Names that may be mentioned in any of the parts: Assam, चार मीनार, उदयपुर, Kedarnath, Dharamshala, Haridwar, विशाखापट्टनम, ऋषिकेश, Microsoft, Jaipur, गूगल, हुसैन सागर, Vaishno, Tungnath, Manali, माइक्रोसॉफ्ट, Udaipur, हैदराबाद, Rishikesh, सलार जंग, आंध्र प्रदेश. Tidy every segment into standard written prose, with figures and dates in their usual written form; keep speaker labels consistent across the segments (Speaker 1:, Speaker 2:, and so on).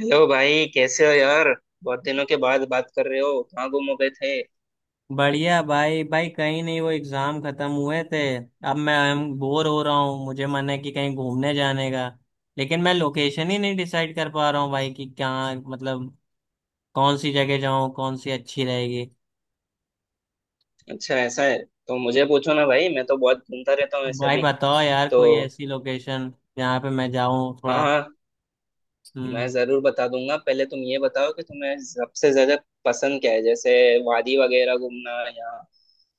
Speaker 1: Hello भाई, कैसे हो यार? बहुत दिनों के बाद बात कर रहे हो, कहाँ गुम हो गए थे?
Speaker 2: बढ़िया भाई भाई, कहीं नहीं। वो एग्जाम खत्म हुए थे, अब मैं बोर हो रहा हूँ, मुझे मन है कि कहीं घूमने जाने का। लेकिन मैं लोकेशन ही नहीं डिसाइड कर पा रहा हूँ भाई कि क्या मतलब, कौन सी जगह जाऊँ, कौन सी अच्छी रहेगी।
Speaker 1: अच्छा, ऐसा है तो मुझे पूछो ना भाई, मैं तो बहुत घूमता रहता हूँ ऐसा
Speaker 2: भाई
Speaker 1: भी।
Speaker 2: बताओ यार,
Speaker 1: तो
Speaker 2: कोई ऐसी लोकेशन जहाँ पे मैं जाऊँ
Speaker 1: हाँ
Speaker 2: थोड़ा।
Speaker 1: हाँ, मैं
Speaker 2: हम्म।
Speaker 1: जरूर बता दूंगा। पहले तुम ये बताओ कि तुम्हें सबसे ज्यादा पसंद क्या है, जैसे वादी वगैरह घूमना या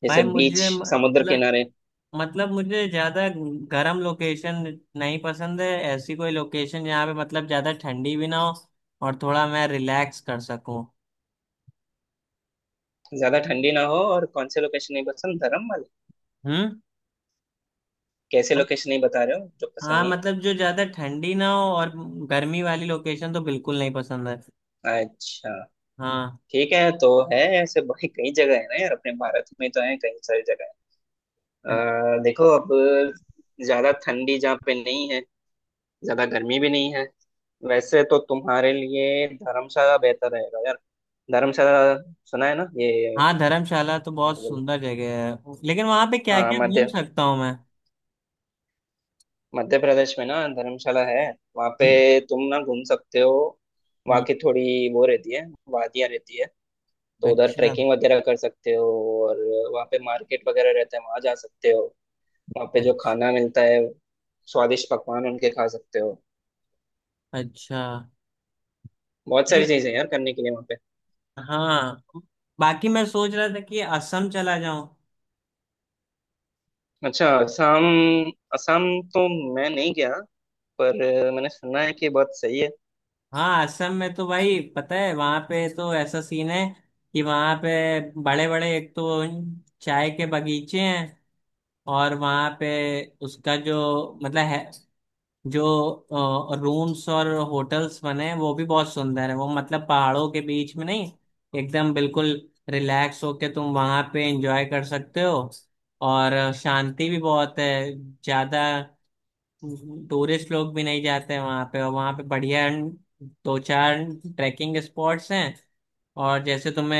Speaker 1: जैसे
Speaker 2: भाई
Speaker 1: बीच,
Speaker 2: मुझे
Speaker 1: समुद्र
Speaker 2: मतलब
Speaker 1: किनारे।
Speaker 2: मतलब मुझे ज्यादा गर्म लोकेशन नहीं पसंद है। ऐसी कोई लोकेशन जहाँ पे मतलब ज्यादा ठंडी भी ना हो और थोड़ा मैं रिलैक्स कर सकूँ।
Speaker 1: ज्यादा ठंडी ना हो, और कौन से लोकेशन नहीं पसंद, धर्म वाले?
Speaker 2: हम्म।
Speaker 1: कैसे लोकेशन नहीं बता रहे हो जो पसंद
Speaker 2: हाँ,
Speaker 1: नहीं
Speaker 2: मतलब जो ज्यादा ठंडी ना हो, और गर्मी वाली लोकेशन तो बिल्कुल नहीं पसंद है।
Speaker 1: है? अच्छा,
Speaker 2: हाँ।
Speaker 1: ठीक है। तो है ऐसे भाई, कई जगह है ना यार, अपने भारत में तो है कई सारी जगह। देखो अब, ज्यादा ठंडी जहाँ पे नहीं है, ज्यादा गर्मी भी नहीं है, वैसे तो तुम्हारे लिए धर्मशाला बेहतर रहेगा यार। धर्मशाला, सुना है ना ये?
Speaker 2: हाँ, धर्मशाला तो
Speaker 1: क्या
Speaker 2: बहुत
Speaker 1: बोल।
Speaker 2: सुंदर जगह है, लेकिन वहां पे क्या
Speaker 1: हाँ,
Speaker 2: क्या घूम
Speaker 1: मध्य
Speaker 2: सकता हूँ मैं?
Speaker 1: मध्य प्रदेश में ना धर्मशाला है। वहाँ पे तुम ना घूम सकते हो, वहाँ
Speaker 2: हम्म।
Speaker 1: की थोड़ी वो रहती है, वादियाँ रहती है। तो उधर
Speaker 2: अच्छा।
Speaker 1: ट्रैकिंग वगैरह कर सकते हो, और वहाँ पे मार्केट वगैरह रहता है, वहाँ जा सकते हो। वहाँ पे जो
Speaker 2: अच्छा।
Speaker 1: खाना मिलता है, स्वादिष्ट पकवान उनके खा सकते हो।
Speaker 2: अच्छा।
Speaker 1: बहुत सारी
Speaker 2: ठीक।
Speaker 1: चीजें हैं यार करने के लिए वहाँ पे।
Speaker 2: हाँ। बाकी मैं सोच रहा था कि असम चला जाऊं।
Speaker 1: अच्छा असम। असम तो मैं नहीं गया, पर मैंने सुना है कि बहुत सही है।
Speaker 2: हाँ, असम में तो भाई पता है, वहां पे तो ऐसा सीन है कि वहां पे बड़े बड़े एक तो चाय के बगीचे हैं। और वहां पे उसका जो मतलब है, जो रूम्स और होटल्स बने हैं वो भी बहुत सुंदर है। वो मतलब पहाड़ों के बीच में नहीं, एकदम बिल्कुल रिलैक्स होके तुम वहां पे एंजॉय कर सकते हो। और शांति भी बहुत है, ज्यादा टूरिस्ट लोग भी नहीं जाते हैं वहां पे। और वहां पे बढ़िया दो चार ट्रैकिंग स्पॉट्स हैं। और जैसे तुम्हें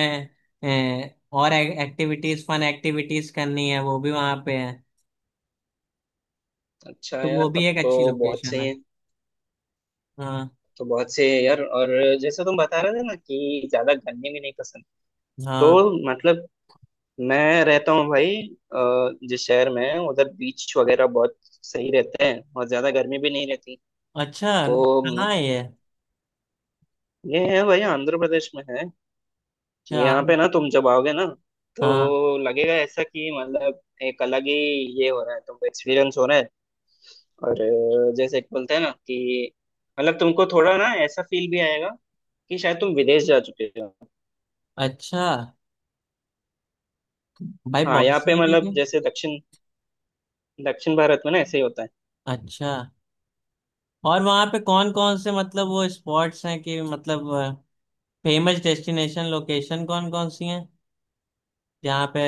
Speaker 2: और एक्टिविटीज, फन एक्टिविटीज करनी है, वो भी वहां पे है।
Speaker 1: अच्छा
Speaker 2: तो
Speaker 1: यार,
Speaker 2: वो भी
Speaker 1: तब
Speaker 2: एक अच्छी
Speaker 1: तो बहुत
Speaker 2: लोकेशन
Speaker 1: सही
Speaker 2: है।
Speaker 1: है।
Speaker 2: हाँ।
Speaker 1: तो बहुत सही है यार। और जैसे तुम बता रहे थे ना कि ज्यादा गर्मी भी नहीं पसंद, तो
Speaker 2: हाँ।
Speaker 1: मतलब मैं रहता हूँ भाई जिस शहर में, उधर बीच वगैरह बहुत सही रहते हैं और ज्यादा गर्मी भी नहीं रहती।
Speaker 2: अच्छा,
Speaker 1: तो
Speaker 2: कहाँ है ये?
Speaker 1: ये है भाई, आंध्र प्रदेश में है।
Speaker 2: अच्छा।
Speaker 1: यहाँ पे ना तुम जब आओगे ना, तो
Speaker 2: हाँ।
Speaker 1: लगेगा ऐसा कि मतलब एक अलग ही ये हो रहा है, तुमको एक्सपीरियंस हो रहा है। और जैसे एक बोलते हैं ना कि मतलब तुमको थोड़ा ना ऐसा फील भी आएगा कि शायद तुम विदेश जा चुके हो।
Speaker 2: अच्छा, भाई
Speaker 1: हाँ,
Speaker 2: बहुत
Speaker 1: यहाँ पे
Speaker 2: सही
Speaker 1: मतलब
Speaker 2: जगह।
Speaker 1: जैसे दक्षिण दक्षिण भारत में ना ऐसे ही होता है।
Speaker 2: अच्छा, और वहाँ पे कौन कौन से मतलब वो स्पॉट्स हैं, कि मतलब फेमस डेस्टिनेशन लोकेशन कौन कौन सी हैं जहाँ पे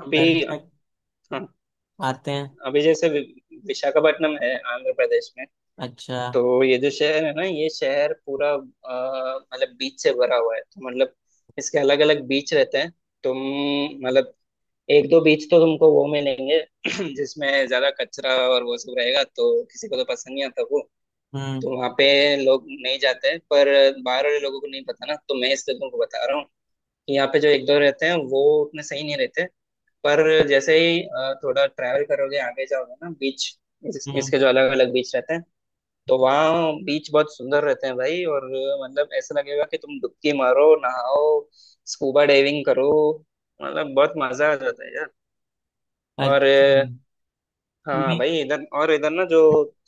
Speaker 1: अभी
Speaker 2: पर्यटक
Speaker 1: हाँ,
Speaker 2: आते हैं?
Speaker 1: अभी जैसे विशाखापट्टनम है आंध्र प्रदेश में।
Speaker 2: अच्छा।
Speaker 1: तो ये जो शहर है ना, ये शहर पूरा मतलब बीच से भरा हुआ है। तो मतलब इसके अलग अलग बीच रहते हैं। तुम मतलब एक दो बीच तो तुमको वो मिलेंगे जिसमें ज्यादा कचरा और वो सब रहेगा, तो किसी को तो पसंद नहीं आता वो।
Speaker 2: हम्म।
Speaker 1: तो वहाँ पे लोग नहीं जाते हैं, पर बाहर वाले लोगों को नहीं पता ना, तो मैं इसलिए तुमको बता रहा हूँ कि यहाँ पे जो एक दो रहते हैं वो उतने सही नहीं रहते। पर जैसे ही थोड़ा ट्रैवल करोगे आगे जाओगे ना बीच,
Speaker 2: हम्म।
Speaker 1: इसके जो अलग अलग बीच रहते हैं, तो वहाँ बीच बहुत सुंदर रहते हैं भाई। और मतलब ऐसा लगेगा कि तुम डुबकी मारो, नहाओ, स्कूबा डाइविंग करो। मतलब बहुत मजा आ जाता है यार। और
Speaker 2: अच्छा। हम्म।
Speaker 1: हाँ भाई, इधर और इधर ना जो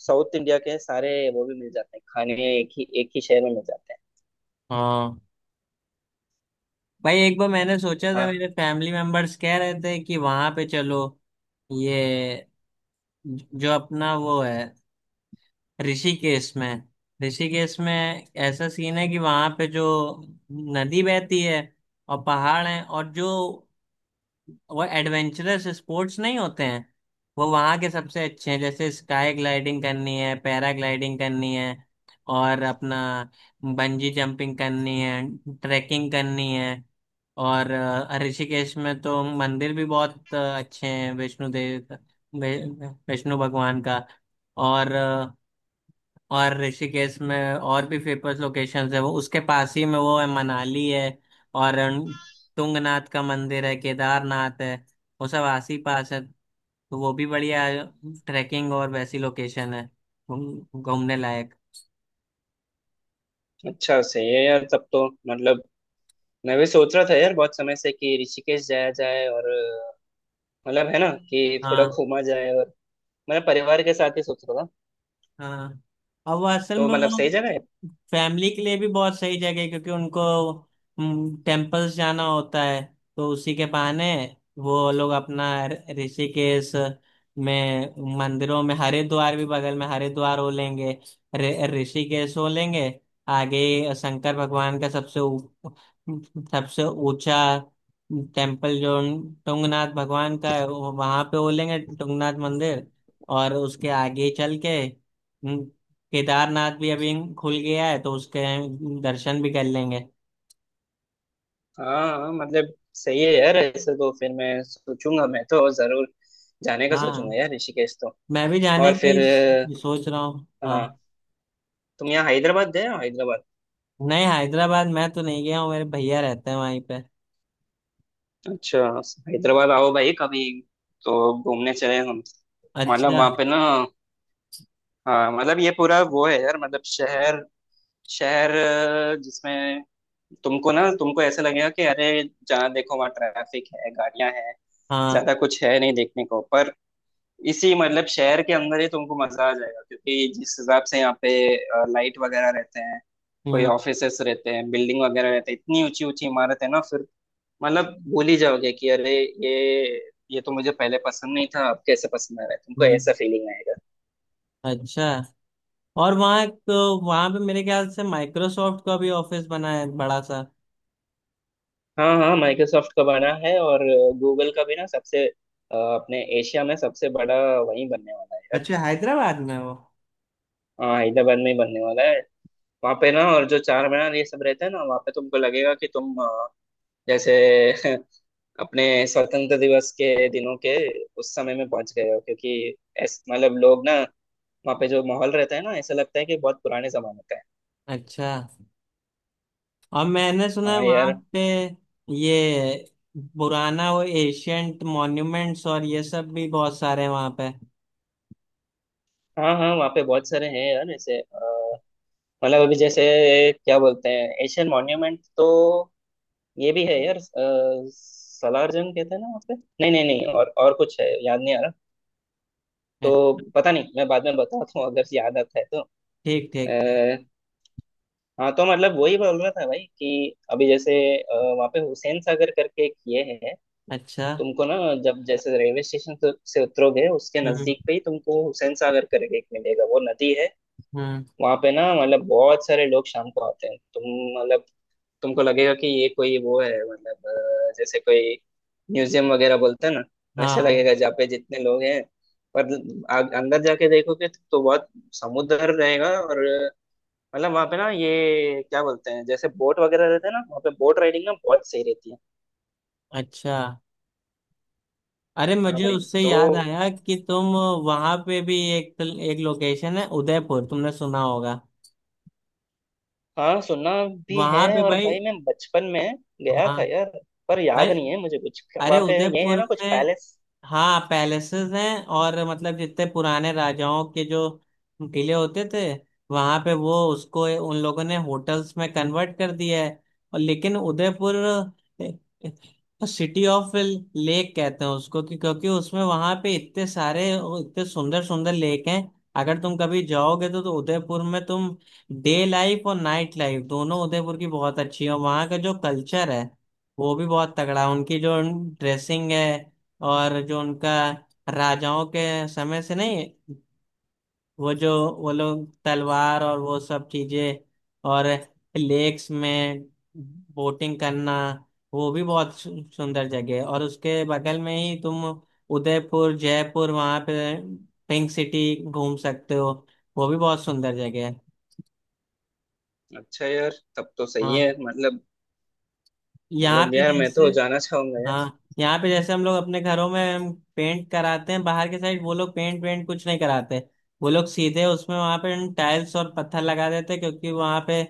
Speaker 1: साउथ इंडिया के हैं, सारे वो भी मिल जाते हैं खाने, एक ही शहर में मिल जाते हैं।
Speaker 2: हाँ, भाई एक बार मैंने सोचा था,
Speaker 1: हाँ,
Speaker 2: मेरे फैमिली मेंबर्स कह रहे थे कि वहाँ पे चलो, ये जो अपना वो है, ऋषिकेश में। ऋषिकेश में ऐसा सीन है कि वहां पे जो नदी बहती है, और पहाड़ हैं, और जो वो एडवेंचरस स्पोर्ट्स नहीं होते हैं, वो वहाँ के सबसे अच्छे हैं। जैसे स्काई ग्लाइडिंग करनी है, पैरा ग्लाइडिंग करनी है, और अपना बंजी जंपिंग करनी है, ट्रैकिंग करनी है। और ऋषिकेश में तो मंदिर भी बहुत अच्छे हैं। वैष्णो भगवान का। और और ऋषिकेश में और भी फेमस लोकेशंस है, वो उसके पास ही में वो है, मनाली है। और तुंगनाथ का मंदिर है, केदारनाथ है, वो सब आस ही पास है। तो वो भी बढ़िया ट्रैकिंग और वैसी लोकेशन है, घूमने लायक।
Speaker 1: अच्छा, सही है यार। तब तो मतलब मैं भी सोच रहा था यार बहुत समय से कि ऋषिकेश जाया जाए, और मतलब है ना कि थोड़ा
Speaker 2: हाँ।
Speaker 1: घूमा जाए, और मैं परिवार के साथ ही सोच रहा था।
Speaker 2: हाँ, और वो असल
Speaker 1: तो
Speaker 2: में
Speaker 1: मतलब
Speaker 2: वो
Speaker 1: सही जगह है।
Speaker 2: फैमिली के लिए भी बहुत सही जगह है, क्योंकि उनको टेम्पल्स जाना होता है। तो उसी के बहाने वो लोग अपना ऋषिकेश में मंदिरों में, हरिद्वार भी बगल में, हरिद्वार हो लेंगे, ऋषिकेश हो लेंगे, आगे शंकर भगवान का सबसे सबसे ऊंचा टेम्पल जो टुंगनाथ भगवान का है, वहां पे हो लेंगे, टुंगनाथ मंदिर। और उसके आगे चल के केदारनाथ भी अभी खुल गया है, तो उसके दर्शन भी कर लेंगे।
Speaker 1: हाँ हाँ, मतलब सही है यार। ऐसे तो फिर मैं सोचूंगा, मैं तो जरूर जाने का सोचूंगा
Speaker 2: हाँ,
Speaker 1: यार ऋषिकेश तो।
Speaker 2: मैं भी जाने
Speaker 1: और
Speaker 2: का
Speaker 1: फिर
Speaker 2: ही सोच रहा हूँ। हाँ।
Speaker 1: हाँ, तुम यहाँ हैदराबाद गए हो, हैदराबाद?
Speaker 2: नहीं, हैदराबाद मैं तो नहीं गया हूँ, मेरे भैया रहते हैं वहीं पे।
Speaker 1: अच्छा, हैदराबाद आओ भाई कभी, तो घूमने चले हम। मतलब
Speaker 2: अच्छा।
Speaker 1: वहाँ पे ना, हाँ मतलब ये पूरा वो है यार, मतलब शहर शहर जिसमें तुमको ना, तुमको ऐसे लगेगा कि अरे जहाँ देखो वहाँ ट्रैफिक है, गाड़ियां हैं,
Speaker 2: हाँ।
Speaker 1: ज्यादा कुछ है नहीं देखने को। पर इसी मतलब शहर के अंदर ही तुमको मजा आ जाएगा, क्योंकि जिस हिसाब से यहाँ पे लाइट वगैरह रहते हैं, कोई
Speaker 2: हम्म।
Speaker 1: ऑफिसेस रहते हैं, बिल्डिंग वगैरह रहते हैं, इतनी ऊंची ऊंची इमारत है ना, फिर मतलब भूल ही जाओगे कि अरे ये ये तो मुझे पहले पसंद नहीं था, अब कैसे पसंद आ रहा है तुमको,
Speaker 2: हम्म।
Speaker 1: ऐसा फीलिंग आएगा।
Speaker 2: अच्छा, और वहाँ तो वहाँ पे मेरे ख्याल से माइक्रोसॉफ्ट का भी ऑफिस बना है बड़ा सा।
Speaker 1: हाँ हाँ, माइक्रोसॉफ्ट का बना है, और गूगल का भी ना सबसे अपने एशिया में सबसे बड़ा वही बनने वाला है यार।
Speaker 2: अच्छा, हैदराबाद में वो।
Speaker 1: हाँ हैदराबाद में ही बनने वाला है। वहाँ पे ना, और जो चार मीनार ये सब रहते हैं ना, वहाँ पे तुमको लगेगा कि तुम जैसे अपने स्वतंत्र दिवस के दिनों के उस समय में पहुंच गए हो, क्योंकि ऐस मतलब लोग ना वहाँ पे जो माहौल रहता है ना, ऐसा लगता है कि बहुत पुराने जमाने का है।
Speaker 2: अच्छा, और मैंने सुना है
Speaker 1: हाँ
Speaker 2: वहाँ
Speaker 1: यार।
Speaker 2: पे ये पुराना वो एशियंट मॉन्यूमेंट्स और ये सब भी बहुत सारे हैं वहाँ पे।
Speaker 1: हाँ हाँ, वहाँ पे बहुत सारे हैं यार ऐसे। मतलब अभी जैसे क्या बोलते हैं एशियन मॉन्यूमेंट, तो ये भी है यार। सलार जंग कहते हैं ना वहाँ पे, नहीं नहीं नहीं, और और कुछ है याद नहीं आ रहा।
Speaker 2: अ-
Speaker 1: तो पता नहीं, मैं बाद में बताता हूँ अगर याद आता है तो।
Speaker 2: ठीक ठीक ठीक।
Speaker 1: हाँ, तो मतलब वही बोल रहा था भाई कि अभी जैसे वहाँ पे हुसैन सागर करके एक ये है।
Speaker 2: अच्छा।
Speaker 1: तुमको ना जब जैसे रेलवे स्टेशन से उतरोगे, उसके
Speaker 2: हम्म।
Speaker 1: नजदीक पे ही तुमको हुसैन सागर करके एक मिलेगा, वो नदी है।
Speaker 2: हम्म।
Speaker 1: वहाँ पे ना मतलब बहुत सारे लोग शाम को आते हैं। तुम मतलब तुमको लगेगा कि ये कोई वो है, मतलब जैसे कोई म्यूजियम वगैरह बोलते हैं ना, वैसे
Speaker 2: हाँ।
Speaker 1: लगेगा जहाँ पे जितने लोग हैं। पर अंदर जाके देखोगे तो बहुत समुद्र रहेगा और मतलब वहां पे ना, ये क्या बोलते हैं, जैसे बोट वगैरह रहते हैं ना, वहां पे बोट राइडिंग ना बहुत सही रहती है।
Speaker 2: अच्छा, अरे
Speaker 1: हाँ
Speaker 2: मुझे
Speaker 1: भाई।
Speaker 2: उससे
Speaker 1: तो
Speaker 2: याद आया कि तुम, वहां पे भी एक एक लोकेशन है, उदयपुर, तुमने सुना होगा।
Speaker 1: हाँ, सुना भी है,
Speaker 2: वहां पे
Speaker 1: और
Speaker 2: भाई।
Speaker 1: भाई मैं बचपन में गया
Speaker 2: हाँ
Speaker 1: था यार, पर
Speaker 2: भाई,
Speaker 1: याद नहीं है मुझे कुछ।
Speaker 2: अरे
Speaker 1: वहां पे ये है
Speaker 2: उदयपुर
Speaker 1: ना कुछ
Speaker 2: में
Speaker 1: पैलेस?
Speaker 2: हाँ पैलेसेस हैं, और मतलब जितने पुराने राजाओं के जो किले होते थे वहां पे, वो उसको उन लोगों ने होटल्स में कन्वर्ट कर दिया है। और लेकिन उदयपुर सिटी ऑफ लेक कहते हैं उसको, कि क्योंकि उसमें वहां पे इतने सारे इतने सुंदर सुंदर लेक हैं। अगर तुम कभी जाओगे तो उदयपुर में तुम डे लाइफ और नाइट लाइफ दोनों उदयपुर की बहुत अच्छी है। और वहाँ का जो कल्चर है वो भी बहुत तगड़ा है, उनकी जो ड्रेसिंग है, और जो उनका राजाओं के समय से नहीं, वो जो, वो लोग तलवार और वो सब चीजें, और लेक्स में बोटिंग करना, वो भी बहुत सुंदर जगह है। और उसके बगल में ही तुम उदयपुर जयपुर, वहां पे पिंक सिटी घूम सकते हो, वो भी बहुत सुंदर जगह है।
Speaker 1: अच्छा यार, तब तो सही
Speaker 2: हाँ।
Speaker 1: है मतलब।
Speaker 2: यहाँ
Speaker 1: मतलब
Speaker 2: पे
Speaker 1: यार मैं
Speaker 2: जैसे
Speaker 1: तो जाना चाहूंगा।
Speaker 2: हाँ यहाँ पे जैसे हम लोग अपने घरों में हम पेंट कराते हैं बाहर के साइड, वो लोग पेंट वेंट कुछ नहीं कराते। वो लोग सीधे उसमें वहां पे टाइल्स और पत्थर लगा देते हैं, क्योंकि वहां पे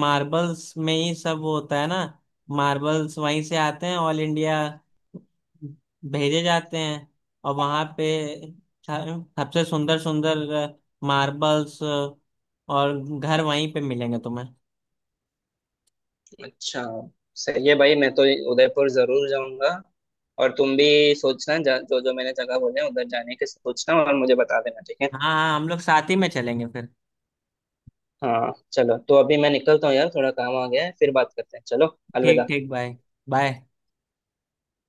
Speaker 2: मार्बल्स में ही सब वो होता है ना। मार्बल्स वहीं से आते हैं, ऑल इंडिया भेजे जाते हैं। और वहां पे स- सबसे सुंदर सुंदर मार्बल्स और घर वहीं पे मिलेंगे तुम्हें।
Speaker 1: यार अच्छा, सही है भाई, मैं तो उदयपुर जरूर जाऊंगा। और तुम भी सोचना जो जो मैंने जगह बोले उधर जाने के सोचना, और मुझे बता देना, ठीक है?
Speaker 2: हाँ हाँ, हम लोग साथ ही में चलेंगे फिर।
Speaker 1: हाँ चलो, तो अभी मैं निकलता हूँ यार, थोड़ा काम आ गया है, फिर बात करते हैं। चलो
Speaker 2: ठीक
Speaker 1: अलविदा।
Speaker 2: ठीक। बाय। बाय।